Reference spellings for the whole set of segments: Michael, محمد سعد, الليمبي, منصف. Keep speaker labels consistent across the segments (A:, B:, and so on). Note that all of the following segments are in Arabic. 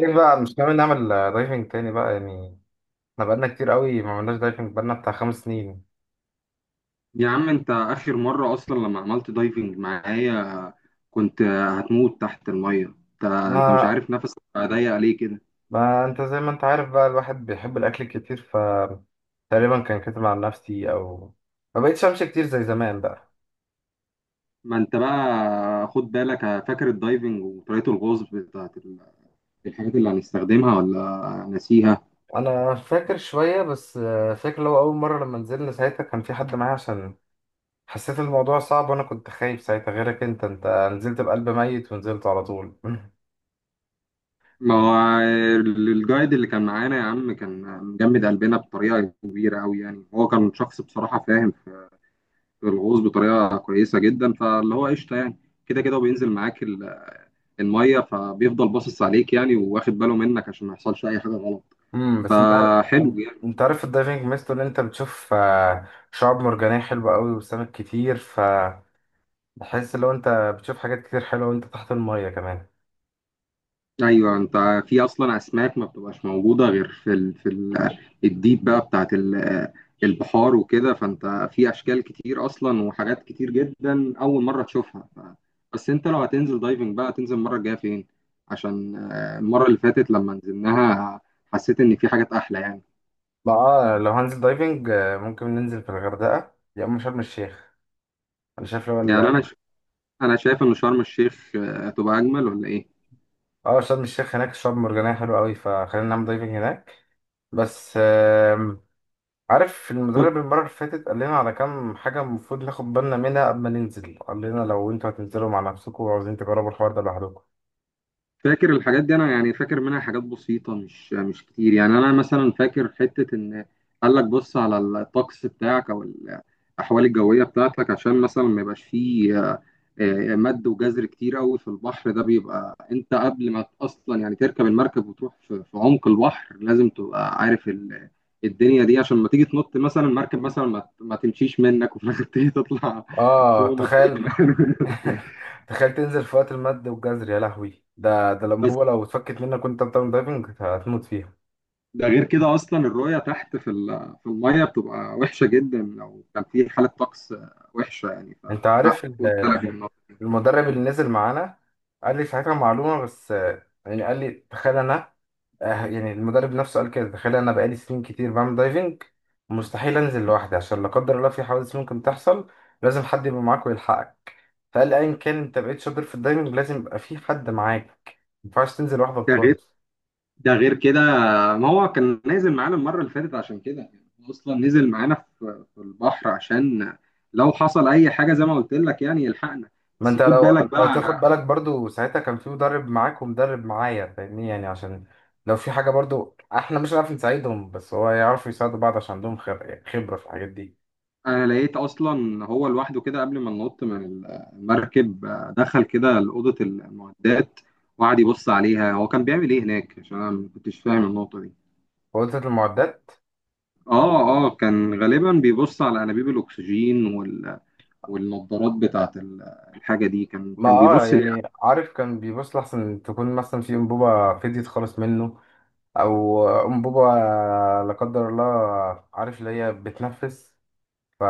A: ايه بقى مش ناوي نعمل دايفنج تاني بقى يعني؟ احنا بقالنا كتير قوي ما عملناش دايفنج، بقالنا بتاع خمس سنين.
B: يا عم انت اخر مرة اصلا لما عملت دايفنج معايا كنت هتموت تحت المية. انت مش
A: ما
B: عارف نفسك بقى ضيق ليه كده.
A: ما انت زي ما انت عارف بقى، الواحد بيحب الاكل كتير. ف تقريبا كان كاتب عن نفسي، او ما بقتش امشي كتير زي زمان بقى.
B: ما انت بقى خد بالك، فاكر الدايفنج وطريقة الغوص بتاعت الحاجات اللي هنستخدمها ولا ناسيها؟
A: انا فاكر شوية بس، فاكر لو اول مرة لما نزلنا ساعتها كان في حد معايا، عشان حسيت الموضوع صعب، وانا كنت خايف ساعتها. غيرك انت نزلت بقلب ميت ونزلت على طول
B: ما هو الجايد اللي كان معانا يا عم كان مجمد قلبنا بطريقة كبيرة قوي، يعني هو كان شخص بصراحة فاهم في الغوص بطريقة كويسة جدا، فاللي هو قشطة يعني. كده كده وبينزل معاك الميه، فبيفضل باصص عليك يعني وواخد باله منك عشان ما يحصلش اي حاجه غلط،
A: بس انت عارف،
B: فحلو يعني.
A: انت عارف الدايفنج ميزته ان انت بتشوف شعاب مرجانيه حلوه قوي وسمك كتير، فبحس لو انت بتشوف حاجات كتير حلوه وانت تحت الميه كمان.
B: ايوه، انت في اصلا اسماك ما بتبقاش موجوده غير في الديب بقى بتاعت البحار وكده، فانت في اشكال كتير اصلا وحاجات كتير جدا اول مره تشوفها بس انت لو هتنزل دايفنج بقى هتنزل المره الجايه فين؟ عشان المره اللي فاتت لما نزلناها حسيت ان في حاجات احلى يعني.
A: بقى لو هنزل دايفنج، ممكن ننزل في الغردقه يا اما شرم الشيخ. انا شايف لو
B: يعني انا ش... انا شايف ان شرم الشيخ هتبقى اجمل ولا ايه؟
A: اه شرم الشيخ هناك شعاب مرجانيه حلوه قوي، فخلينا نعمل دايفنج هناك. بس عارف المدرب المره اللي فاتت قال لنا على كام حاجه المفروض ناخد بالنا منها قبل ما ننزل. قال لنا لو انتوا هتنزلوا مع نفسكم وعاوزين تجربوا الحوار ده لوحدكم.
B: فاكر الحاجات دي، انا يعني فاكر منها حاجات بسيطه، مش كتير يعني. انا مثلا فاكر حته ان قال لك بص على الطقس بتاعك او الاحوال الجويه بتاعتك، عشان مثلا ما يبقاش فيه مد وجزر كتير قوي في البحر. ده بيبقى انت قبل ما اصلا يعني تركب المركب وتروح في عمق البحر، لازم تبقى عارف الدنيا دي، عشان ما تيجي تنط مثلا المركب، مثلا ما تمشيش منك وفي الاخر تيجي تطلع
A: اه
B: فوق ما تلاقيش.
A: تخيل تخيل تنزل في وقت المد والجزر، يا لهوي! ده الانبوبه لو اتفكت منك وانت بتعمل دايفنج هتموت فيها.
B: ده غير كده اصلا الرؤيه تحت في الميه بتبقى وحشه جدا لو كان في حاله طقس وحشه يعني،
A: انت
B: فلا
A: عارف
B: خد بالك من الموضوع.
A: المدرب اللي نزل معانا قال لي ساعتها معلومه، بس يعني قال لي تخيل انا، يعني المدرب نفسه قال كده، تخيل انا بقالي سنين كتير بعمل دايفنج، مستحيل انزل لوحدي عشان لا قدر الله في حوادث ممكن تحصل. لازم حد يبقى معاك ويلحقك. فقال ايا كان انت بقيت شاطر في الدايفنج، لازم يبقى في حد معاك، ما ينفعش تنزل لوحدك
B: ده غير
A: خالص.
B: ده غير كده، ما هو كان نازل معانا المره اللي فاتت عشان كده يعني، هو اصلا نزل معانا في البحر عشان لو حصل اي حاجه زي ما قلت لك يعني يلحقنا.
A: ما
B: بس
A: انت
B: خد
A: لو
B: بالك بقى.
A: تاخد بالك برضو ساعتها كان في مدرب معاك ومدرب معايا فاهمني يعني، عشان لو في حاجة برضو احنا مش هنعرف نساعدهم، بس هو يعرفوا يساعدوا بعض عشان عندهم خبرة في الحاجات دي.
B: انا لقيت اصلا هو لوحده كده قبل ما ننط من المركب دخل كده لاوضه المعدات وقعد يبص عليها. هو كان بيعمل ايه هناك؟ عشان انا ما كنتش فاهم النقطه دي.
A: وقلت المعدات؟
B: اه، اه كان غالبا بيبص على انابيب الاكسجين والنضارات بتاعه الحاجه دي. كان
A: ما
B: كان
A: اه،
B: بيبص ليه؟
A: يعني عارف كان بيبص لحسن تكون مثلا في انبوبة فديت خالص منه، او انبوبة لا قدر الله، عارف اللي هي بتنفس. ف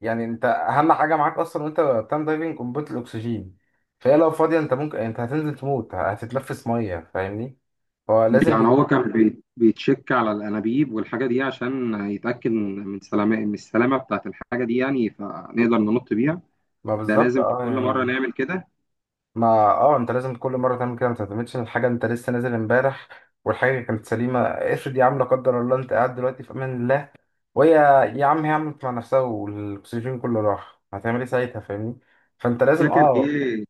A: يعني انت اهم حاجه معاك اصلا وانت بتعمل دايفنج قنبله الاكسجين، فهي لو فاضيه انت ممكن، يعني انت هتنزل تموت، هتتلفس ميه فاهمني. هو لازم
B: يعني هو كان بيتشك على الانابيب والحاجه دي عشان يتاكد من سلامه من السلامه بتاعه الحاجه دي يعني، فنقدر ننط بيها.
A: ما
B: ده
A: بالظبط
B: لازم في
A: اه
B: كل مره
A: يعني.
B: نعمل كده.
A: ما اه، انت لازم كل مره تعمل كده، ما تعتمدش ان الحاجه انت لسه نازل امبارح والحاجه كانت سليمه. افرض يا عم لا قدر الله انت قاعد دلوقتي في امان الله وهي، يا عم هي عملت مع نفسها والاكسجين كله راح، هتعمل ايه ساعتها فاهمني؟ فانت لازم
B: فاكر
A: اه،
B: ايه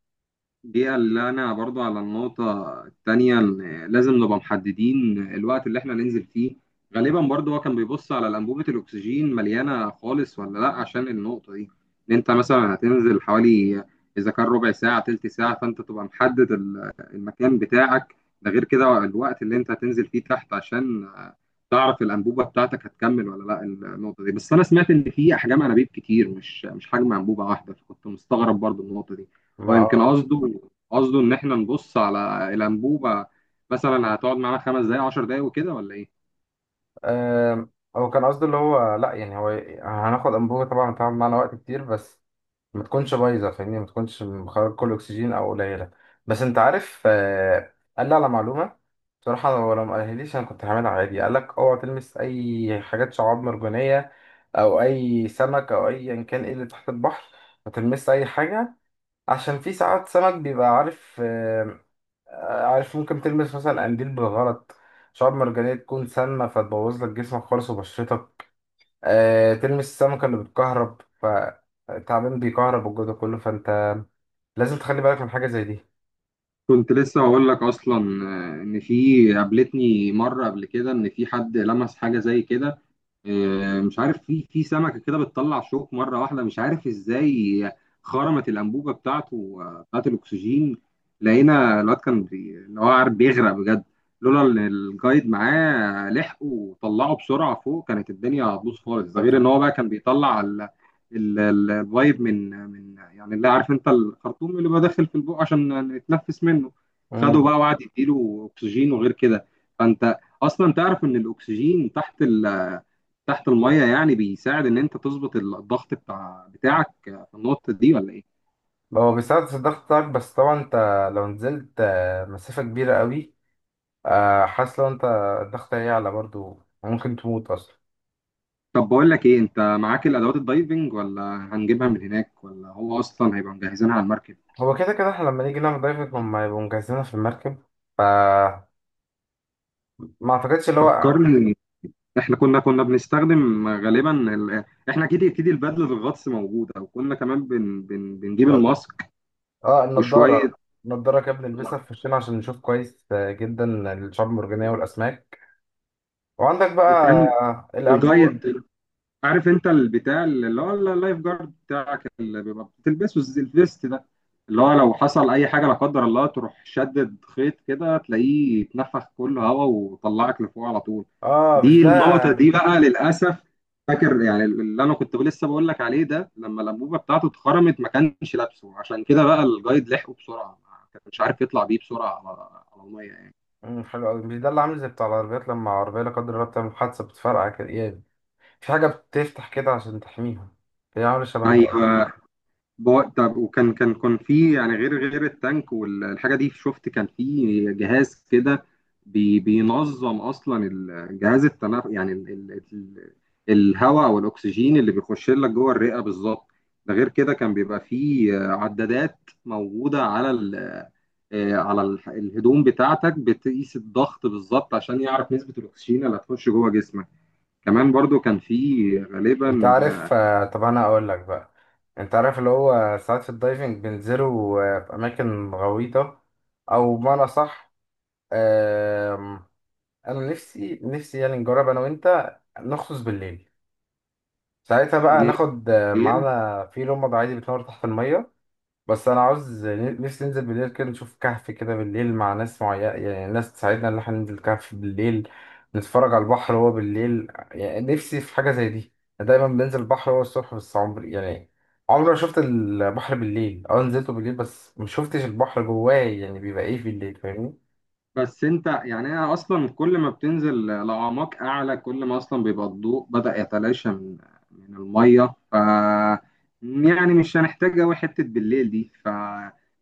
B: دي؟ اللي انا برضو على النقطة التانية، إن لازم نبقى محددين الوقت اللي احنا ننزل فيه. غالبا برضو هو كان بيبص على الأنبوبة الأكسجين مليانة خالص ولا لأ، عشان النقطة دي إن أنت مثلا هتنزل حوالي، إذا كان ربع ساعة تلت ساعة، فأنت تبقى محدد المكان بتاعك. ده غير كده الوقت اللي أنت هتنزل فيه تحت، عشان تعرف الأنبوبة بتاعتك هتكمل ولا لأ. النقطة دي، بس أنا سمعت إن في أحجام أنابيب كتير، مش حجم أنبوبة واحدة، فكنت مستغرب برضو النقطة دي.
A: ما
B: هو يمكن
A: اه،
B: قصده قصده ان احنا نبص على الانبوبه مثلا هتقعد معانا خمس دقايق عشر دقايق وكده ولا ايه.
A: آم، هو كان قصده اللي هو لا، يعني هو هناخد انبوبة طبعا هتقعد معانا وقت كتير، بس ما تكونش بايظة فاهمني، ما تكونش مخرج كل أكسجين أو قليلة. بس أنت عارف، قال لي على معلومة، بصراحة هو لو ما قالهاليش أنا كنت هعملها عادي. قال لك أوعى تلمس أي حاجات شعاب مرجانية أو أي سمك أو أيا كان إيه اللي تحت البحر، ما تلمس أي حاجة، عشان في ساعات سمك بيبقى عارف، عارف ممكن تلمس مثلا قنديل بالغلط، شعاب مرجانية تكون سامة فتبوظ لك جسمك خالص وبشرتك. أه تلمس السمكة اللي بتكهرب، فالتعبان بيكهرب والجو ده كله، فانت لازم تخلي بالك من حاجة زي دي.
B: كنت لسه هقول لك اصلا ان في، قابلتني مره قبل كده، ان في حد لمس حاجه زي كده، مش عارف في في سمكه كده بتطلع شوك مره واحده مش عارف ازاي، خرمت الانبوبه بتاعته بتاعت الاكسجين. لقينا الواد كان اللي هو عارف بيغرق بجد، لولا ان الجايد معاه لحقه وطلعه بسرعه فوق كانت الدنيا هتبوظ خالص. ده
A: فهمت.
B: غير ان هو بقى كان بيطلع الفايب من يعني، اللي عارف انت الخرطوم اللي بقى داخل في البق عشان نتنفس منه. خده
A: مم.
B: بقى وقعد يديله اكسجين وغير كده. فانت اصلا تعرف ان الاكسجين تحت تحت المية يعني بيساعد ان انت تظبط الضغط بتاعك في النقطة دي ولا ايه؟
A: هو بيساعد في الضغط بتاعك، بس طبعا انت لو نزلت مسافة كبيرة قوي، حاسس لو انت الضغط هيعلى برضو، ممكن تموت اصلا.
B: طب بقول لك ايه، انت معاك الادوات الدايفنج ولا هنجيبها من هناك، ولا هو اصلا هيبقى مجهزينها على المركب؟
A: هو كده كده احنا لما نيجي نعمل دايفنج هما يبقوا مجهزينها في المركب. ف ما اعتقدش اللي هو،
B: فكرني، احنا كنا بنستخدم غالبا احنا اكيد البدلة الغطس موجودة، وكنا كمان بنجيب الماسك
A: اه
B: وشوية.
A: النضارة، النضارة كده بنلبسها في وشنا عشان نشوف كويس جدا الشعاب المرجانية والأسماك، وعندك بقى
B: وكان
A: الأنبوبة.
B: الجايد، عارف انت البتاع اللي هو اللايف جارد بتاعك اللي بيبقى بتلبسه، الفيست ده اللي هو لو حصل اي حاجه لا قدر الله تروح شدد خيط كده تلاقيه اتنفخ كله هوا وطلعك لفوق على طول.
A: اه مش
B: دي
A: ده.
B: النقطه دي بقى للاسف. فاكر يعني اللي انا كنت لسه بقول لك عليه ده، لما الانبوبه بتاعته اتخرمت ما كانش لابسه، عشان كده بقى الجايد لحقه بسرعه، ما كانش عارف يطلع بيه بسرعه على على الميه يعني.
A: مم، حلو أوي، مش ده اللي عامل زي بتاع العربيات لما عربية لا قدر الله بتعمل حادثة بتفرقع كده يعني، في حاجة بتفتح كده عشان تحميها، هي عاملة شبهها اه.
B: ايوه. طب وكان، كان في يعني غير التانك والحاجه دي، شفت كان في جهاز كده بينظم اصلا جهاز التنف يعني ال ال ال الهواء او الاكسجين اللي بيخش لك جوه الرئه بالظبط. ده غير كده كان بيبقى في عدادات موجوده على ال آه، على ال- الهدوم بتاعتك، بتقيس الضغط بالظبط عشان يعرف نسبه الاكسجين اللي هتخش جوه جسمك. كمان برضو كان في
A: انت
B: غالبا
A: عارف طب أنا أقول لك بقى، انت عارف اللي هو ساعات في الدايفنج بينزلوا في أماكن غويطة، أو بمعنى صح. انا نفسي نفسي يعني نجرب انا وانت، نغطس بالليل. ساعتها بقى ناخد
B: آه،
A: معانا في لمبة عادي بتنور تحت المية. بس انا عاوز نفسي ننزل بالليل كده، نشوف كهف كده بالليل مع ناس معينة، يعني ناس تساعدنا ان احنا ننزل كهف بالليل، نتفرج على البحر وهو بالليل. يعني نفسي في حاجة زي دي. أنا دايما بنزل البحر وهو الصبح، بس عمري يعني عمري ما شفت البحر بالليل. اه نزلته بالليل بس ما شفتش البحر جواه، يعني بيبقى ايه بالليل فاهمني؟
B: بس انت يعني، انا اصلا كل ما بتنزل لأعماق اعلى كل ما اصلا بيبقى الضوء بدأ يتلاشى من المية ف، يعني مش هنحتاج قوي حتة بالليل دي ف،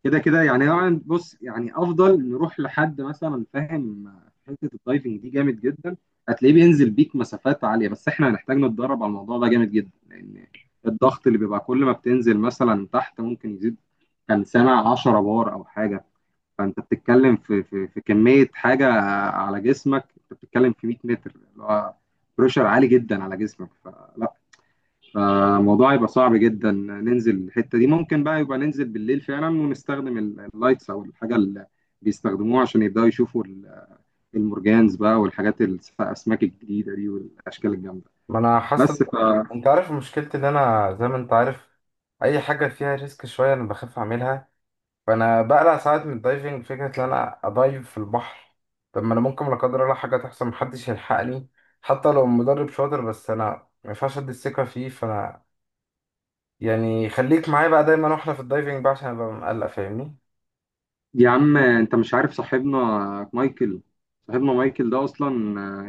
B: كده كده يعني. طبعاً بص، يعني افضل نروح لحد مثلا فاهم في حتة الدايفنج دي جامد جدا، هتلاقيه بينزل بيك مسافات عالية، بس احنا هنحتاج نتدرب على الموضوع ده جامد جدا، لان الضغط اللي بيبقى كل ما بتنزل مثلا تحت ممكن يزيد. كان سامع 10 بار او حاجة، فانت بتتكلم في كميه حاجه على جسمك، انت بتتكلم في 100 متر، اللي هو بريشر عالي جدا على جسمك، فلا، فالموضوع يبقى صعب جدا ننزل الحته دي. ممكن بقى يبقى ننزل بالليل فعلا ونستخدم اللايتس او الحاجه اللي بيستخدموها، عشان يبداوا يشوفوا المرجانز بقى والحاجات الاسماك الجديده دي والاشكال الجامده.
A: ما انا
B: بس
A: حاصل،
B: ف،
A: انت عارف مشكلتي ان انا زي ما انت عارف، اي حاجه فيها ريسك شويه انا بخاف اعملها. فانا بقلق ساعات من الدايفنج، فكره ان انا ادايف في البحر. طب ما انا ممكن لا قدر الله حاجه تحصل محدش يلحقني، حتى لو مدرب شاطر. بس انا ما ينفعش ادي الثقه فيه، فانا يعني خليك معايا بقى دايما واحنا في الدايفنج بقى عشان ابقى مقلق فاهمني.
B: يا عم انت مش عارف صاحبنا مايكل. صاحبنا مايكل ده اصلا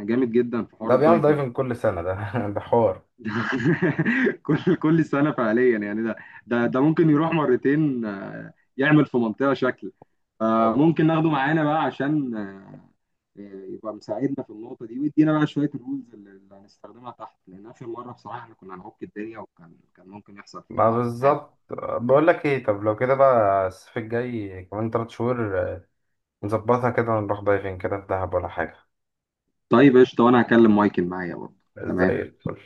B: جامد جدا في حوار
A: ده بيعمل
B: الدايفنج.
A: دايفنج كل سنه، ده ده حوار.
B: كل سنة فعليا يعني، ده ممكن يروح 2 مرتين يعمل في منطقة شكل.
A: أو-
B: فممكن ناخده معانا بقى، عشان يبقى مساعدنا في النقطة دي، ويدينا بقى شوية الرولز اللي هنستخدمها تحت، لأن آخر مرة بصراحة احنا كنا هنعك الدنيا وكان ممكن يحصل
A: ما
B: فينا حاجة.
A: بالظبط، بقول لك ايه، طب لو كده بقى الصيف الجاي كمان 3 شهور، نظبطها كده ونروح دايفين كده في دهب ولا حاجة.
B: طيب قشطة، وأنا هكلم مايكل معايا برضه.
A: زي
B: تمام.
A: الفل.